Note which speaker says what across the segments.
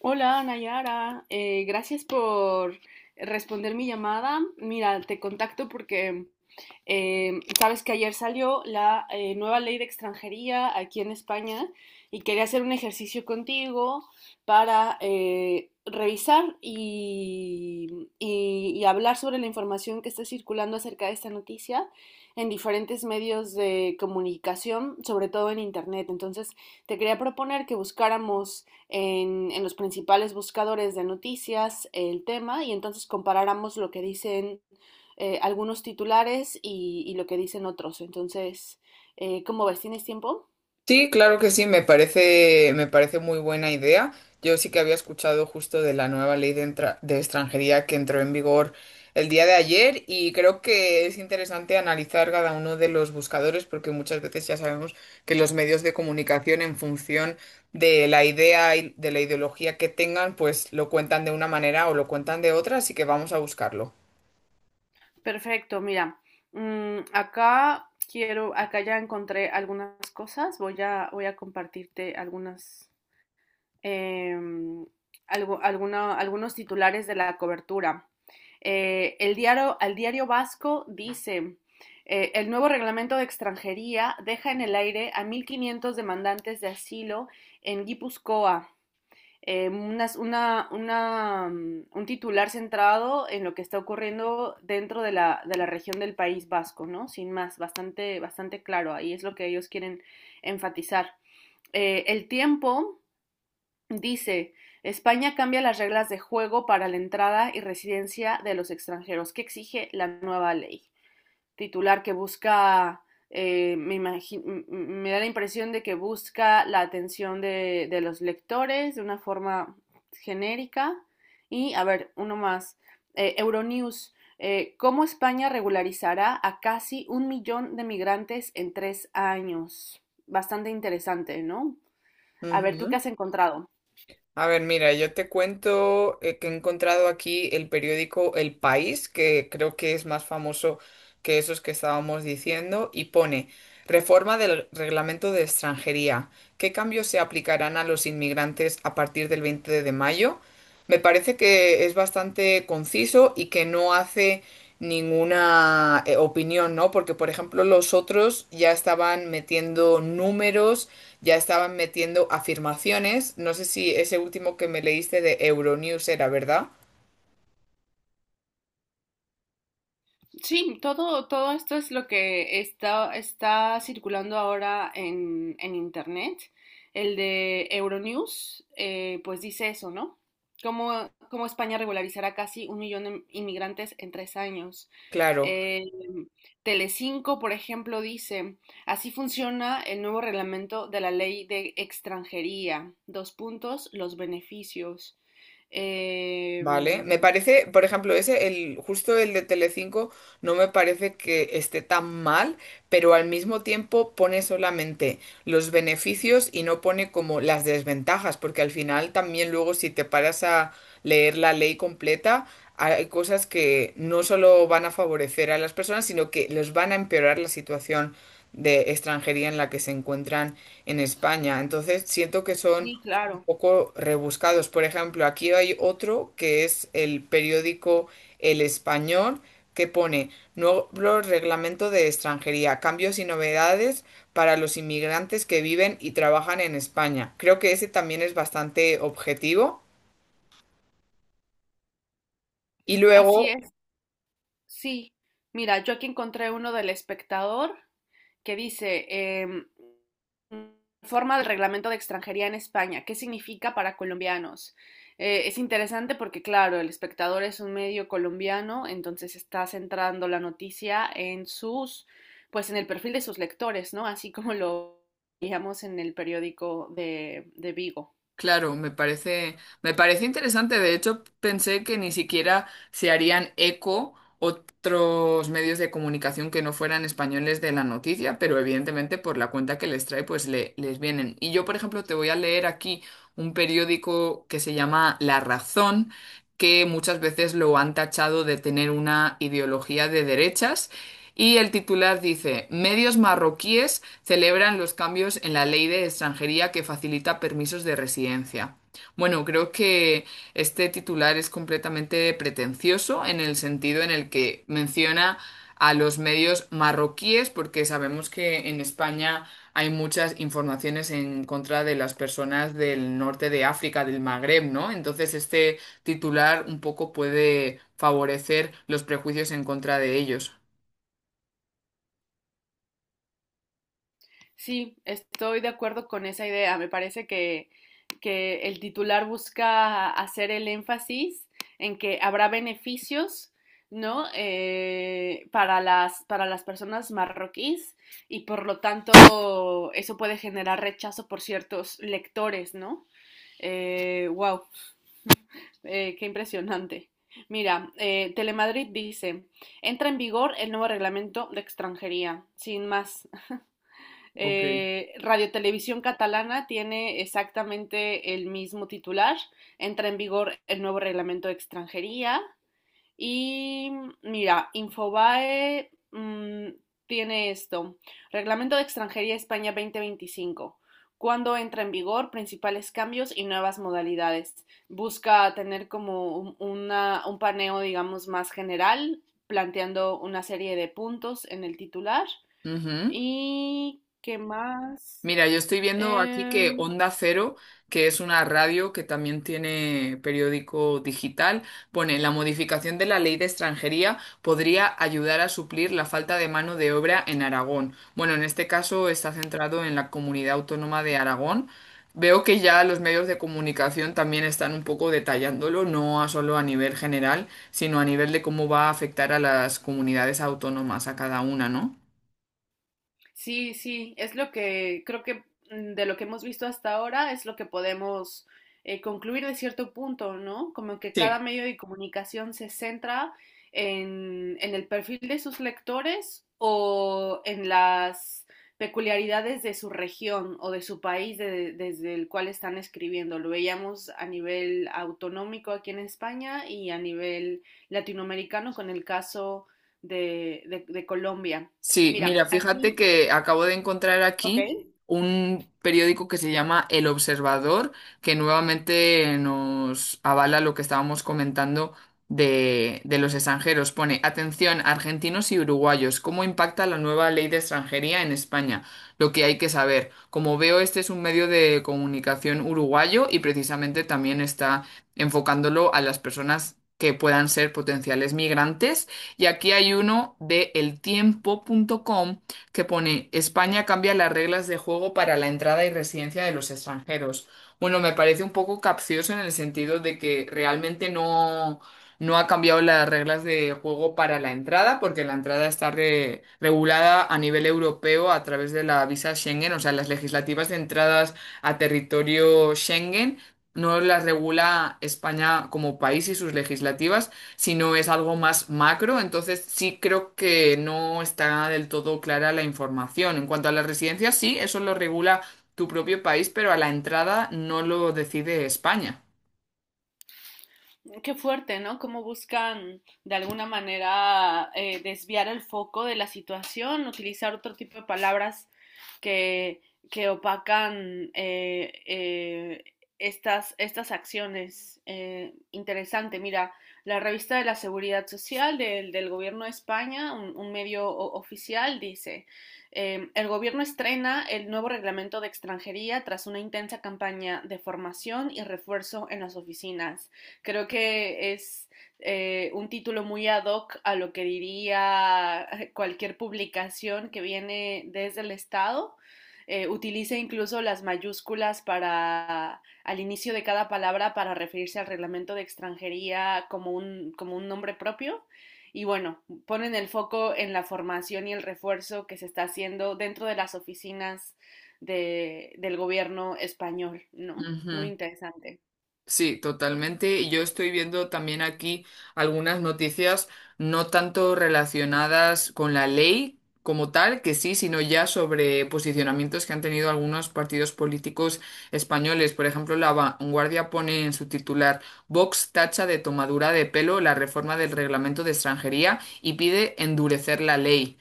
Speaker 1: Hola, Nayara. Gracias por responder mi llamada. Mira, te contacto porque sabes que ayer salió la nueva ley de extranjería aquí en España y quería hacer un ejercicio contigo para revisar y hablar sobre la información que está circulando acerca de esta noticia en diferentes medios de comunicación, sobre todo en Internet. Entonces, te quería proponer que buscáramos en los principales buscadores de noticias el tema y entonces comparáramos lo que dicen algunos titulares y lo que dicen otros. Entonces, ¿cómo ves? ¿Tienes tiempo?
Speaker 2: Sí, claro que sí, me parece muy buena idea. Yo sí que había escuchado justo de la nueva ley de, entra- de extranjería que entró en vigor el día de ayer, y creo que es interesante analizar cada uno de los buscadores porque muchas veces ya sabemos que los medios de comunicación, en función de la idea y de la ideología que tengan, pues lo cuentan de una manera o lo cuentan de otra, así que vamos a buscarlo.
Speaker 1: Perfecto, mira, acá ya encontré algunas cosas, voy a compartirte algunas em, algunos titulares de la cobertura. Al diario Vasco dice, el nuevo reglamento de extranjería deja en el aire a 1500 demandantes de asilo en Guipúzcoa. Un titular centrado en lo que está ocurriendo dentro de la región del País Vasco, ¿no? Sin más, bastante, bastante claro. Ahí es lo que ellos quieren enfatizar. El Tiempo dice: España cambia las reglas de juego para la entrada y residencia de los extranjeros que exige la nueva ley. Titular que busca, eh, me, imagi- me da la impresión de que busca la atención de los lectores de una forma genérica. Y, a ver, uno más. Euronews, ¿cómo España regularizará a casi un millón de migrantes en 3 años? Bastante interesante, ¿no? A ver, ¿tú qué
Speaker 2: Ujú.
Speaker 1: has encontrado?
Speaker 2: A ver, mira, yo te cuento que he encontrado aquí el periódico El País, que creo que es más famoso que esos que estábamos diciendo, y pone Reforma del Reglamento de Extranjería. ¿Qué cambios se aplicarán a los inmigrantes a partir del 20 de mayo? Me parece que es bastante conciso y que no hace ninguna opinión, ¿no? Porque, por ejemplo, los otros ya estaban metiendo números, ya estaban metiendo afirmaciones. No sé si ese último que me leíste de Euronews era, ¿verdad?
Speaker 1: Sí, todo esto es lo que está circulando ahora en Internet. El de Euronews, pues dice eso, ¿no? Cómo España regularizará casi un millón de inmigrantes en 3 años.
Speaker 2: Claro.
Speaker 1: Eh, Telecinco, por ejemplo, dice, así funciona el nuevo reglamento de la ley de extranjería. Dos puntos, los beneficios. Eh,
Speaker 2: Vale, me parece, por ejemplo, ese, el, justo el de Telecinco, no me parece que esté tan mal, pero al mismo tiempo pone solamente los beneficios y no pone como las desventajas, porque al final también luego, si te paras a leer la ley completa, hay cosas que no solo van a favorecer a las personas, sino que les van a empeorar la situación de extranjería en la que se encuentran en España. Entonces, siento que son
Speaker 1: sí, claro.
Speaker 2: poco rebuscados. Por ejemplo, aquí hay otro que es el periódico El Español, que pone nuevo reglamento de extranjería, cambios y novedades para los inmigrantes que viven y trabajan en España. Creo que ese también es bastante objetivo. Y
Speaker 1: Así
Speaker 2: luego
Speaker 1: es. Sí, mira, yo aquí encontré uno del espectador que dice, em, forma del reglamento de extranjería en España, ¿qué significa para colombianos? Es interesante porque, claro, el espectador es un medio colombiano, entonces está centrando la noticia pues en el perfil de sus lectores, ¿no? Así como lo veíamos en el periódico de Vigo.
Speaker 2: claro, me parece interesante. De hecho, pensé que ni siquiera se harían eco otros medios de comunicación que no fueran españoles de la noticia, pero evidentemente por la cuenta que les trae, pues les vienen. Y yo, por ejemplo, te voy a leer aquí un periódico que se llama La Razón, que muchas veces lo han tachado de tener una ideología de derechas. Y el titular dice, medios marroquíes celebran los cambios en la ley de extranjería que facilita permisos de residencia. Bueno, creo que este titular es completamente pretencioso en el sentido en el que menciona a los medios marroquíes, porque sabemos que en España hay muchas informaciones en contra de las personas del norte de África, del Magreb, ¿no? Entonces este titular un poco puede favorecer los prejuicios en contra de ellos.
Speaker 1: Sí, estoy de acuerdo con esa idea. Me parece que el titular busca hacer el énfasis en que habrá beneficios, ¿no? Para las personas marroquíes y por lo tanto eso puede generar rechazo por ciertos lectores, ¿no? Wow, qué impresionante. Mira, Telemadrid dice, entra en vigor el nuevo reglamento de extranjería, sin más.
Speaker 2: Ok.
Speaker 1: Radio Televisión Catalana tiene exactamente el mismo titular. Entra en vigor el nuevo reglamento de extranjería. Y mira, Infobae tiene esto. Reglamento de Extranjería España 2025. ¿Cuándo entra en vigor? Principales cambios y nuevas modalidades. Busca tener como un paneo, digamos, más general, planteando una serie de puntos en el titular.
Speaker 2: Ujú.
Speaker 1: ¿Y qué más?
Speaker 2: Mira, yo estoy viendo aquí que
Speaker 1: Em,
Speaker 2: Onda Cero, que es una radio que también tiene periódico digital, pone la modificación de la ley de extranjería podría ayudar a suplir la falta de mano de obra en Aragón. Bueno, en este caso está centrado en la comunidad autónoma de Aragón. Veo que ya los medios de comunicación también están un poco detallándolo, no a solo a nivel general, sino a nivel de cómo va a afectar a las comunidades autónomas, a cada una, ¿no?
Speaker 1: Sí, sí, es lo que creo que de lo que hemos visto hasta ahora es lo que podemos concluir de cierto punto, ¿no? Como que
Speaker 2: Sí.
Speaker 1: cada medio de comunicación se centra en el perfil de sus lectores o en las peculiaridades de su región o de su país desde el cual están escribiendo. Lo veíamos a nivel autonómico aquí en España y a nivel latinoamericano con el caso de Colombia.
Speaker 2: Sí, mira,
Speaker 1: Mira, aquí.
Speaker 2: fíjate que acabo de encontrar
Speaker 1: Ok.
Speaker 2: aquí un periódico que se llama El Observador, que nuevamente nos avala lo que estábamos comentando de los extranjeros. Pone, atención, argentinos y uruguayos, ¿cómo impacta la nueva ley de extranjería en España? Lo que hay que saber. Como veo, este es un medio de comunicación uruguayo y precisamente también está enfocándolo a las personas que puedan ser potenciales migrantes, y aquí hay uno de eltiempo punto com que pone España cambia las reglas de juego para la entrada y residencia de los extranjeros. Bueno, me parece un poco capcioso en el sentido de que realmente no ha cambiado las reglas de juego para la entrada, porque la entrada está regulada a nivel europeo a través de la visa Schengen, o sea, las legislativas de entradas a territorio Schengen. No las regula España como país y sus legislativas, sino es algo más macro, entonces sí creo que no está del todo clara la información. En cuanto a las residencias, sí, eso lo regula tu propio país, pero a la entrada no lo decide España.
Speaker 1: Qué fuerte, ¿no? Cómo buscan de alguna manera desviar el foco de la situación, utilizar otro tipo de palabras que, que opacan estas acciones. Interesante, mira, la revista de la Seguridad Social del Gobierno de España, un medio oficial, dice, el Gobierno estrena el nuevo reglamento de extranjería tras una intensa campaña de formación y refuerzo en las oficinas. Creo que es un título muy ad hoc a lo que diría cualquier publicación que viene desde el Estado. Utiliza incluso las mayúsculas para al inicio de cada palabra para referirse al reglamento de extranjería como un nombre propio. Y bueno, ponen el foco en la formación y el refuerzo que se está haciendo dentro de las oficinas del gobierno español, ¿no? Muy
Speaker 2: Ujú.
Speaker 1: interesante.
Speaker 2: Sí, totalmente. Y yo estoy viendo también aquí algunas noticias no tanto relacionadas con la ley como tal, que sí, sino ya sobre posicionamientos que han tenido algunos partidos políticos españoles. Por ejemplo, La Vanguardia pone en su titular: Vox tacha de tomadura de pelo la reforma del reglamento de extranjería y pide endurecer la ley.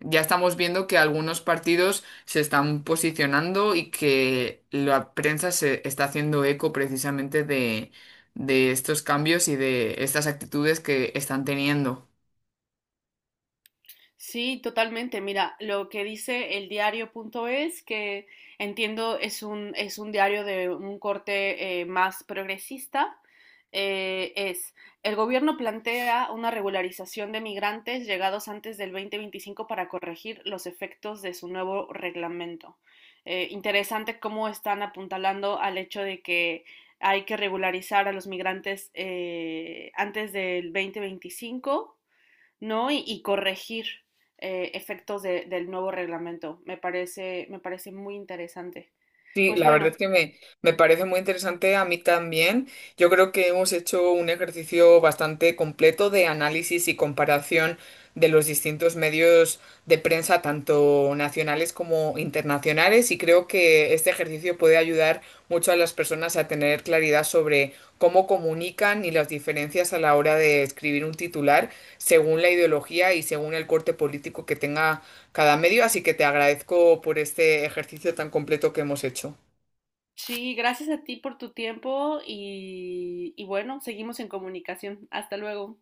Speaker 2: Ya estamos viendo que algunos partidos se están posicionando y que la prensa se está haciendo eco precisamente de estos cambios y de estas actitudes que están teniendo.
Speaker 1: Sí, totalmente. Mira, lo que dice el diario.es, que entiendo es un diario de un corte más progresista, eh, es, el gobierno plantea una regularización de migrantes llegados antes del 2025 para corregir los efectos de su nuevo reglamento. Interesante cómo están apuntalando al hecho de que hay que regularizar a los migrantes antes del 2025, ¿no? Y corregir efectos del nuevo reglamento. Me parece muy interesante.
Speaker 2: Sí,
Speaker 1: Pues
Speaker 2: la verdad
Speaker 1: bueno,
Speaker 2: es que me parece muy interesante a mí también. Yo creo que hemos hecho un ejercicio bastante completo de análisis y comparación de los distintos medios de prensa, tanto nacionales como internacionales, y creo que este ejercicio puede ayudar mucho a las personas a tener claridad sobre cómo comunican y las diferencias a la hora de escribir un titular según la ideología y según el corte político que tenga cada medio, así que te agradezco por este ejercicio tan completo que hemos hecho.
Speaker 1: sí, gracias a ti por tu tiempo y bueno, seguimos en comunicación. Hasta luego.